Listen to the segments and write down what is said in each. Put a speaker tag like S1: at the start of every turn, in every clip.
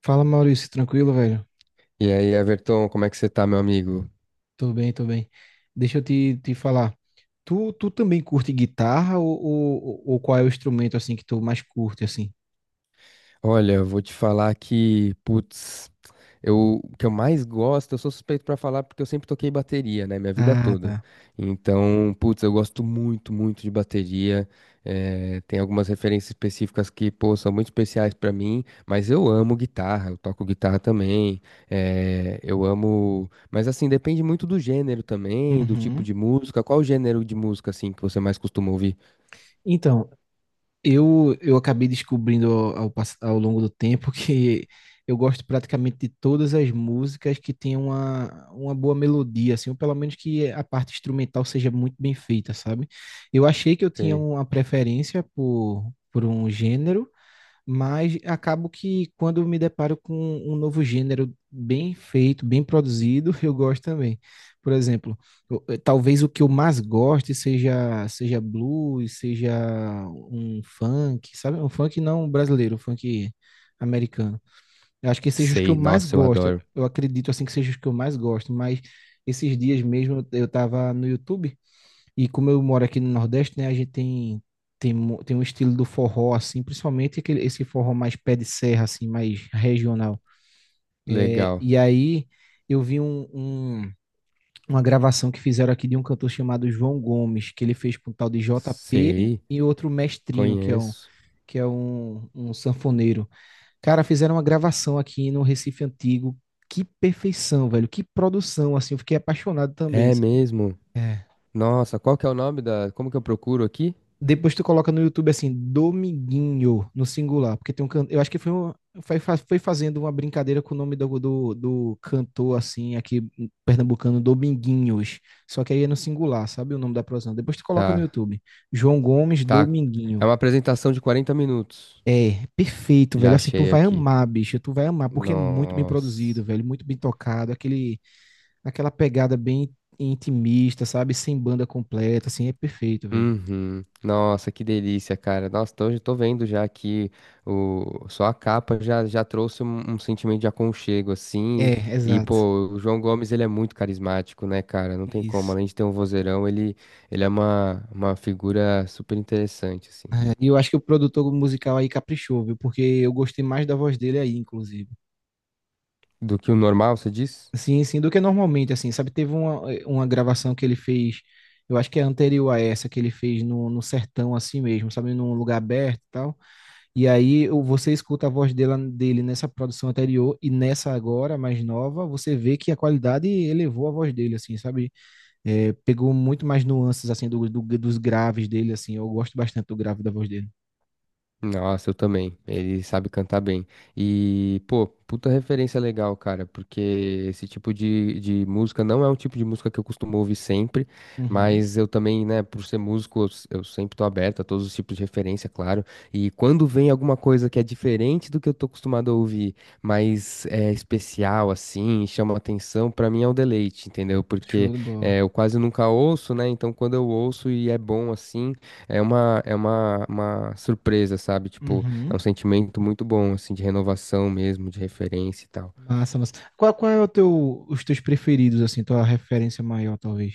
S1: Fala, Maurício, tranquilo, velho?
S2: E aí, Everton, como é que você tá, meu amigo?
S1: Tô bem, tô bem. Deixa eu te falar. Tu também curte guitarra ou qual é o instrumento assim que tu mais curte assim?
S2: Olha, eu vou te falar que, putz, o que eu mais gosto, eu sou suspeito pra falar porque eu sempre toquei bateria, né, minha vida
S1: Ah,
S2: toda.
S1: tá.
S2: Então, putz, eu gosto muito, muito de bateria. Tem algumas referências específicas que, pô, são muito especiais pra mim, mas eu amo guitarra, eu toco guitarra também. Eu amo, mas assim, depende muito do gênero também, do tipo
S1: Uhum.
S2: de música. Qual o gênero de música, assim, que você mais costuma ouvir?
S1: Então, eu acabei descobrindo ao longo do tempo que eu gosto praticamente de todas as músicas que tem uma boa melodia, assim, ou pelo menos que a parte instrumental seja muito bem feita, sabe? Eu achei que eu tinha
S2: Sei.
S1: uma preferência por um gênero, mas acabo que quando me deparo com um novo gênero bem feito, bem produzido, eu gosto também. Por exemplo, talvez o que eu mais goste seja blues, seja um funk, sabe? Um funk não brasileiro, um funk americano. Eu acho que esses sejam os que eu
S2: Sei,
S1: mais
S2: nossa, eu
S1: gosto.
S2: adoro.
S1: Eu acredito assim que sejam os que eu mais gosto, mas esses dias mesmo eu estava no YouTube e como eu moro aqui no Nordeste, né, a gente tem, tem um estilo do forró, assim, principalmente aquele, esse forró mais pé de serra, assim, mais regional. É,
S2: Legal.
S1: e aí eu vi um- uma gravação que fizeram aqui de um cantor chamado João Gomes, que ele fez com o tal de JP
S2: Sei,
S1: e outro Mestrinho,
S2: conheço.
S1: que é um, um sanfoneiro. Cara, fizeram uma gravação aqui no Recife Antigo. Que perfeição, velho. Que produção, assim. Eu fiquei apaixonado também.
S2: É
S1: Sabe?
S2: mesmo?
S1: É.
S2: Nossa, qual que é o nome da. Como que eu procuro aqui?
S1: Depois tu coloca no YouTube assim, Dominguinho, no singular, porque tem um canto. Eu acho que foi, foi fazendo uma brincadeira com o nome do cantor, assim, aqui pernambucano, Dominguinhos. Só que aí é no singular, sabe o nome da produção? Depois tu coloca no
S2: Tá,
S1: YouTube. João Gomes,
S2: tá. É
S1: Dominguinho.
S2: uma apresentação de 40 minutos.
S1: É, perfeito,
S2: Já
S1: velho. Assim, tu
S2: achei
S1: vai
S2: aqui.
S1: amar, bicho. Tu vai amar, porque é muito bem produzido,
S2: Nossa.
S1: velho. Muito bem tocado. Aquele, aquela pegada bem intimista, sabe? Sem banda completa, assim, é perfeito, velho.
S2: Uhum. Nossa, que delícia, cara. Nossa, então eu tô vendo já aqui o só a capa já trouxe um sentimento de aconchego assim.
S1: É,
S2: E
S1: exato.
S2: pô, o João Gomes ele é muito carismático, né, cara? Não tem como,
S1: Isso.
S2: além de ter um vozeirão, ele é uma figura super interessante assim.
S1: E eu acho que o produtor musical aí caprichou, viu? Porque eu gostei mais da voz dele aí, inclusive.
S2: Do que o normal, você diz?
S1: Sim, sim, do que normalmente, assim, sabe? Teve uma, uma gravação que ele fez, eu acho que é anterior a essa, que ele fez no sertão, assim mesmo, sabe? Num lugar aberto e tal. E aí você escuta a voz dela, dele nessa produção anterior e nessa agora, mais nova, você vê que a qualidade elevou a voz dele, assim, sabe? É, pegou muito mais nuances, assim, dos graves dele, assim. Eu gosto bastante do grave da voz dele.
S2: Nossa, eu também. Ele sabe cantar bem. E, pô, puta referência legal, cara, porque esse tipo de música não é um tipo de música que eu costumo ouvir sempre,
S1: Uhum.
S2: mas eu também, né, por ser músico, eu sempre tô aberto a todos os tipos de referência, claro. E quando vem alguma coisa que é diferente do que eu tô acostumado a ouvir, mas é especial, assim, chama atenção, pra mim é um deleite, entendeu? Porque
S1: Show de bola.
S2: eu quase nunca ouço, né? Então quando eu ouço e é bom assim. É uma surpresa, sabe? Tipo, é
S1: Uhum.
S2: um sentimento muito bom, assim, de renovação mesmo, de referência e tal.
S1: Massa, massa. Qual é o teu, os teus preferidos, assim, tua referência maior, talvez?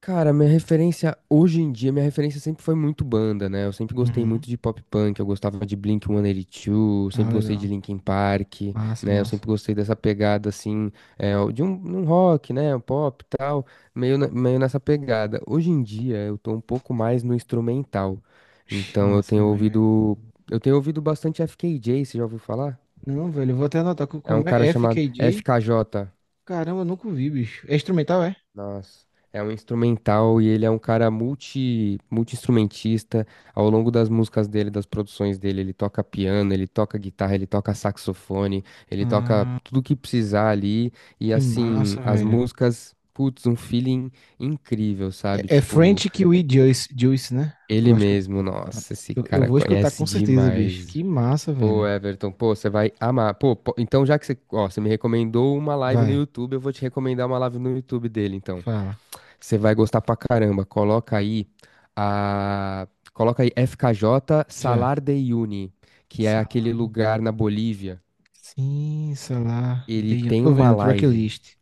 S2: Cara, minha referência hoje em dia, minha referência sempre foi muito banda, né? Eu sempre gostei
S1: Uhum.
S2: muito de pop punk, eu gostava de Blink-182,
S1: Ah,
S2: sempre gostei de
S1: legal.
S2: Linkin Park,
S1: Massa,
S2: né? Eu
S1: massa.
S2: sempre gostei dessa pegada, assim, é, de um rock, né? Um pop e tal, meio, meio nessa pegada. Hoje em dia, eu tô um pouco mais no instrumental.
S1: Ixi,
S2: Então, eu
S1: massa
S2: tenho
S1: demais, velho.
S2: ouvido, eu tenho ouvido bastante FKJ, você já ouviu falar?
S1: Não, velho, eu vou até anotar
S2: É um
S1: como
S2: cara
S1: é F
S2: chamado
S1: K J
S2: FKJ.
S1: Caramba, eu nunca vi, bicho. É instrumental, é?
S2: Nossa. É um instrumental e ele é um cara multi-instrumentista. Ao longo das músicas dele, das produções dele, ele toca piano, ele toca guitarra, ele toca saxofone, ele toca
S1: Ah,
S2: tudo que precisar ali. E
S1: que
S2: assim,
S1: massa,
S2: as
S1: velho.
S2: músicas, putz, um feeling incrível, sabe?
S1: É, é
S2: Tipo,
S1: French Kiwi Juice, Juice, né? Eu
S2: ele
S1: acho que eu,
S2: mesmo,
S1: pronto.
S2: nossa, esse
S1: Eu
S2: cara
S1: vou escutar
S2: conhece
S1: com certeza, bicho. Que
S2: demais.
S1: massa,
S2: Pô,
S1: velho.
S2: Everton, pô, você vai amar. Pô, então já que você, ó, você me recomendou uma live no
S1: Vai,
S2: YouTube, eu vou te recomendar uma live no YouTube dele, então.
S1: fala.
S2: Você vai gostar pra caramba. A coloca aí FKJ
S1: Já.
S2: Salar de Uyuni, que é aquele
S1: Sa-
S2: lugar na Bolívia.
S1: Sim, sei lá.
S2: Ele tem
S1: Tô
S2: uma
S1: vendo,
S2: live.
S1: tracklist.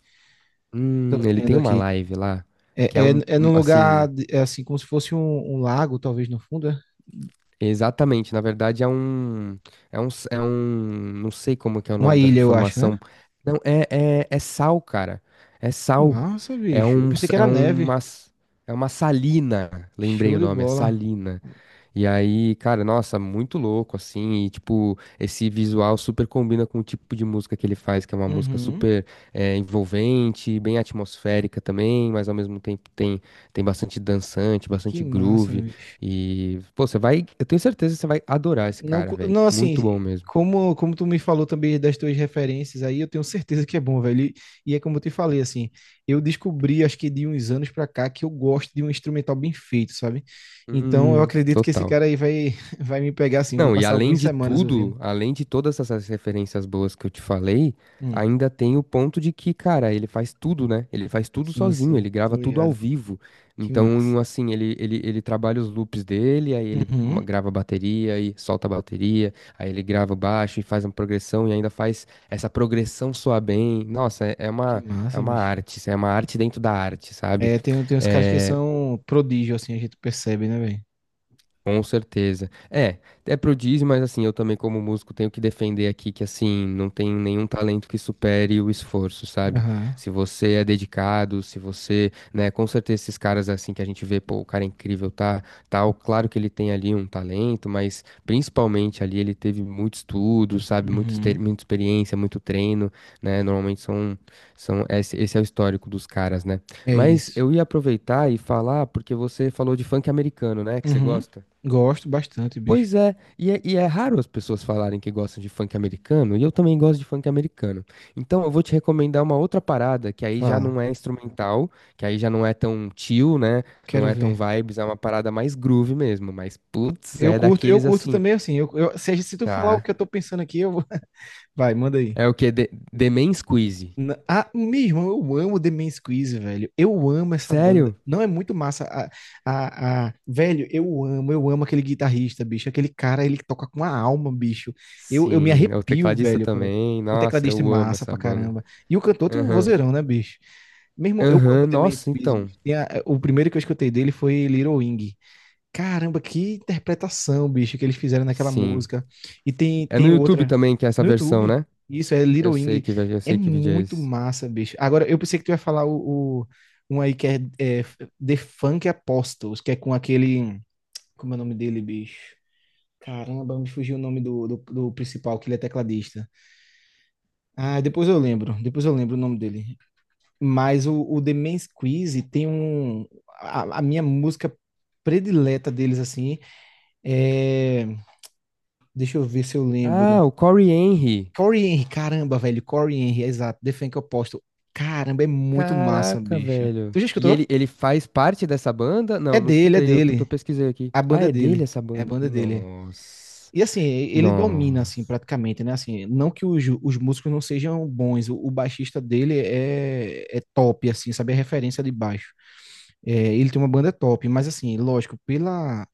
S1: Tô
S2: Ele
S1: vendo
S2: tem uma
S1: aqui.
S2: live lá,
S1: É,
S2: que é um,
S1: é
S2: um,
S1: num lugar,
S2: assim.
S1: é assim, como se fosse um lago, talvez, no fundo, é?
S2: Exatamente, na verdade é um, não sei como que é o
S1: Uma
S2: nome dessa
S1: ilha, eu acho, né?
S2: formação. Não, é, é sal, cara. É
S1: Que
S2: sal.
S1: massa,
S2: É
S1: bicho. Eu
S2: um,
S1: pensei
S2: s-
S1: que
S2: é
S1: era neve.
S2: uma, s- é uma salina, lembrei
S1: Show
S2: o
S1: de
S2: nome, é
S1: bola.
S2: salina. E aí, cara, nossa, muito louco, assim, e tipo, esse visual super combina com o tipo de música que ele faz, que é uma música
S1: Uhum.
S2: super envolvente, bem atmosférica também, mas ao mesmo tempo tem bastante dançante,
S1: Que
S2: bastante
S1: massa,
S2: groove,
S1: bicho.
S2: e, pô, você vai, eu tenho certeza que você vai adorar esse cara, velho,
S1: Não
S2: muito bom
S1: assim,
S2: mesmo.
S1: como tu me falou também das tuas referências aí, eu tenho certeza que é bom, velho. E é como eu te falei, assim, eu descobri, acho que de uns anos pra cá, que eu gosto de um instrumental bem feito, sabe? Então, eu acredito que esse
S2: Total.
S1: cara aí vai, vai me pegar, assim, vou
S2: Não, e
S1: passar
S2: além
S1: algumas
S2: de
S1: semanas ouvindo.
S2: tudo, além de todas essas referências boas que eu te falei,
S1: Hum,
S2: ainda tem o ponto de que, cara, ele faz tudo, né? Ele faz tudo
S1: sim,
S2: sozinho,
S1: sim,
S2: ele
S1: tô
S2: grava tudo ao
S1: ligado.
S2: vivo.
S1: Que
S2: Então,
S1: massa.
S2: um, assim, ele trabalha os loops dele, aí ele
S1: Uhum.
S2: grava a bateria e solta a bateria, aí ele grava o baixo e faz uma progressão e ainda faz essa progressão soar bem. Nossa, é, é
S1: Que
S2: uma, é
S1: massa,
S2: uma
S1: bicho.
S2: arte, isso é uma arte dentro da arte, sabe?
S1: É, tem, tem uns caras que
S2: É,
S1: são prodígio, assim, a gente percebe, né, velho?
S2: com certeza. É prodígio, mas assim, eu também como músico tenho que defender aqui que assim, não tem nenhum talento que supere o esforço, sabe?
S1: Aham.
S2: Se você é dedicado, se você, né, com certeza esses caras assim que a gente vê, pô, o cara é incrível, tá, tal, claro que ele tem ali um talento, mas principalmente ali ele teve muito estudo, sabe? Muito,
S1: Uhum.
S2: muita experiência, muito treino, né? Normalmente são, esse é o histórico dos caras, né?
S1: É
S2: Mas
S1: isso.
S2: eu ia aproveitar e falar, porque você falou de funk americano, né, que você
S1: Uhum.
S2: gosta?
S1: Gosto bastante, bicho.
S2: Pois é, e é raro as pessoas falarem que gostam de funk americano, e eu também gosto de funk americano. Então eu vou te recomendar uma outra parada, que aí já
S1: Fala.
S2: não é instrumental, que aí já não é tão chill, né? Não
S1: Quero
S2: é tão
S1: ver.
S2: vibes, é uma parada mais groove mesmo, mas putz, é
S1: Eu
S2: daqueles
S1: curto
S2: assim,
S1: também, assim. Eu- se, a gente- se tu falar o
S2: tá?
S1: que eu tô pensando aqui, eu vou. Vai, manda aí.
S2: É o quê? The Man Squeeze.
S1: Ah, meu irmão, eu amo The Man's Quiz, velho. Eu amo essa banda.
S2: Sério?
S1: Não é muito massa. Velho, eu amo aquele guitarrista, bicho. Aquele cara, ele toca com a alma, bicho. Eu me
S2: Sim, é o
S1: arrepio,
S2: tecladista
S1: velho.
S2: também.
S1: O
S2: Nossa,
S1: tecladista é
S2: eu amo
S1: massa
S2: essa
S1: pra
S2: banda.
S1: caramba. E o cantor tem um
S2: Aham,
S1: vozeirão, né, bicho? Meu irmão, eu amo
S2: aham,
S1: The Man's
S2: nossa,
S1: Quiz,
S2: então.
S1: bicho. O primeiro que eu escutei dele foi Little Wing. Caramba, que interpretação, bicho, que eles fizeram naquela
S2: Sim.
S1: música. E tem,
S2: É no
S1: tem
S2: YouTube
S1: outra
S2: também que é essa
S1: no
S2: versão,
S1: YouTube.
S2: né?
S1: Isso é Little Wing.
S2: Eu
S1: É
S2: sei que vídeo é
S1: muito
S2: esse.
S1: massa, bicho. Agora, eu pensei que tu ia falar um aí que é, é The Funk Apostles, que é com aquele. Como é o nome dele, bicho? Caramba, me fugiu o nome do principal, que ele é tecladista. Ah, depois eu lembro. Depois eu lembro o nome dele. Mas o The Mens Quiz tem um. A minha música predileta deles, assim. É. Deixa eu ver se eu lembro.
S2: Ah, o Corey Henry.
S1: Corey Henry, caramba, velho. Corey Henry, exato. The Funk Oposto. Caramba, é muito massa,
S2: Caraca,
S1: bicho.
S2: velho.
S1: Tu já
S2: E ele,
S1: escutou?
S2: ele faz parte dessa banda?
S1: É
S2: Não, não
S1: dele, é
S2: escutei, eu tô
S1: dele.
S2: pesquisei aqui.
S1: A
S2: Ah,
S1: banda é
S2: é
S1: dele.
S2: dele essa
S1: É a
S2: banda?
S1: banda é dele.
S2: Nossa.
S1: E assim, ele domina,
S2: Nossa.
S1: assim, praticamente, né? Assim, não que os músicos não sejam bons. O baixista dele é, é top, assim, sabe? É referência de baixo. É, ele tem uma banda top, mas assim, lógico,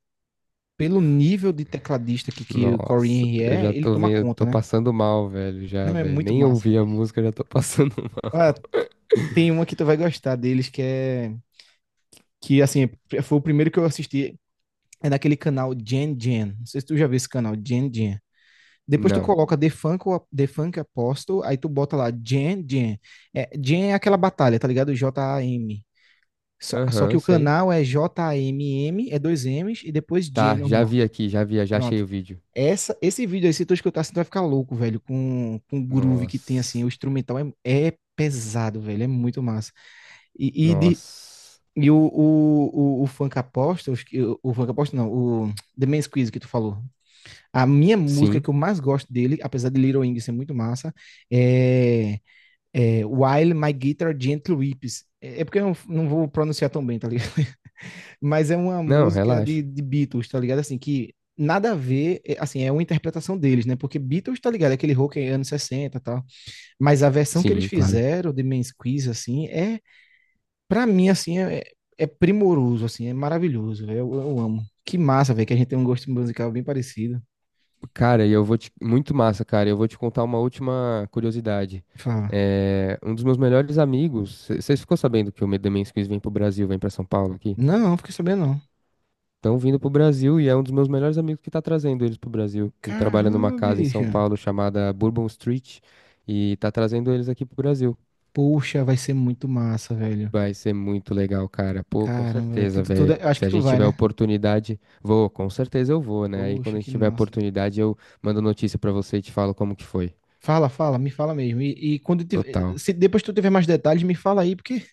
S1: pelo nível de tecladista que o Corey
S2: Nossa.
S1: Henry
S2: Eu
S1: é,
S2: já
S1: ele
S2: tô
S1: toma
S2: vendo, eu
S1: conta,
S2: tô
S1: né?
S2: passando mal, velho, já,
S1: Não, é
S2: velho.
S1: muito
S2: Nem
S1: massa.
S2: ouvi a música, já tô passando mal.
S1: Ah, tem uma que tu vai gostar deles, que é. Que assim, foi o primeiro que eu assisti. É naquele canal Gen Gen. Não sei se tu já viu esse canal, Gen Gen. Depois tu
S2: Não.
S1: coloca The Funk, The Funk Apostle, aí tu bota lá Gen Gen. É, Gen é aquela batalha, tá ligado? JAM. Só que
S2: Aham,
S1: o
S2: sei.
S1: canal é JAMM, é dois M's, e depois Gen
S2: Tá, já
S1: normal.
S2: vi aqui, já vi, já achei
S1: Pronto.
S2: o vídeo.
S1: Esse vídeo aí, se tu escutar, você vai ficar louco, velho, com o groove que tem, assim,
S2: Nossa.
S1: o instrumental é, é pesado, velho, é muito massa. E, e de,
S2: Nossa.
S1: E o Funk Apostles, o Funk Apostles não, o The Man's Quiz que tu falou. A minha música
S2: Sim.
S1: que eu mais gosto dele, apesar de Little Wing ser muito massa, é, é While My Guitar Gently Weeps. É porque eu não vou pronunciar tão bem, tá ligado? Mas é uma
S2: Não,
S1: música
S2: relaxa.
S1: de Beatles, tá ligado? Assim, que nada a ver, é, assim, é uma interpretação deles, né? Porque Beatles, tá ligado? É aquele rock anos 60 e tal. Mas a versão que eles
S2: Sim, claro.
S1: fizeram, The Man's Quiz, assim, é. Pra mim, assim, é primoroso, assim, é maravilhoso, velho. Eu amo. Que massa, velho, que a gente tem um gosto musical bem parecido.
S2: Cara, e eu vou te... Muito massa, cara. Eu vou te contar uma última curiosidade.
S1: Fala,
S2: É, Um dos meus melhores amigos... Vocês ficou sabendo que o Demen's Quiz vem pro Brasil, vem pra São Paulo aqui?
S1: não, fiquei sabendo não.
S2: Estão vindo pro Brasil e é um dos meus melhores amigos que tá trazendo eles pro Brasil. Ele trabalha numa
S1: Caramba,
S2: casa em São
S1: bicha.
S2: Paulo chamada Bourbon Street e tá trazendo eles aqui pro Brasil.
S1: Poxa, vai ser muito massa, velho.
S2: Vai ser muito legal, cara. Pô, com
S1: Caramba, velho.
S2: certeza, velho.
S1: Acho
S2: Se
S1: que
S2: a
S1: tu
S2: gente
S1: vai,
S2: tiver
S1: né?
S2: oportunidade, vou, com certeza eu vou, né? Aí quando
S1: Poxa,
S2: a gente
S1: que
S2: tiver
S1: massa.
S2: oportunidade, eu mando notícia pra você e te falo como que foi.
S1: Fala, fala, me fala mesmo. E quando tiver,
S2: Total.
S1: se depois tu tiver mais detalhes, me fala aí, porque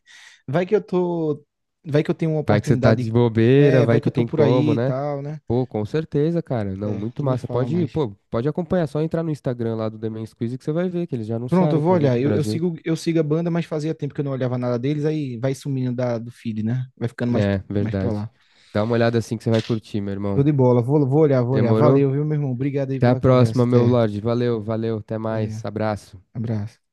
S1: vai que eu tô, vai que eu tenho uma
S2: Vai que você tá de
S1: oportunidade,
S2: bobeira,
S1: é, vai
S2: vai
S1: que eu
S2: que
S1: tô
S2: tem
S1: por aí
S2: como,
S1: e
S2: né?
S1: tal, né?
S2: Pô, com certeza, cara. Não,
S1: É,
S2: muito
S1: tu me
S2: massa.
S1: fala
S2: Pode ir,
S1: mais.
S2: pô, pode acompanhar. Só entrar no Instagram lá do The Men's Quiz que você vai ver que eles já
S1: Pronto, eu
S2: anunciaram que
S1: vou
S2: vão vir
S1: olhar.
S2: pro Brasil.
S1: Eu sigo a banda, mas fazia tempo que eu não olhava nada deles, aí vai sumindo da, do feed, né? Vai ficando mais,
S2: É,
S1: mais pra
S2: verdade.
S1: lá.
S2: Dá uma olhada assim que você vai curtir, meu
S1: Show
S2: irmão.
S1: de bola. Vou, vou olhar, vou olhar.
S2: Demorou?
S1: Valeu, viu, meu irmão? Obrigado aí
S2: Até a
S1: pela conversa.
S2: próxima, meu
S1: Até.
S2: Lorde. Valeu, valeu. Até
S1: Valeu.
S2: mais. Abraço.
S1: Abraço.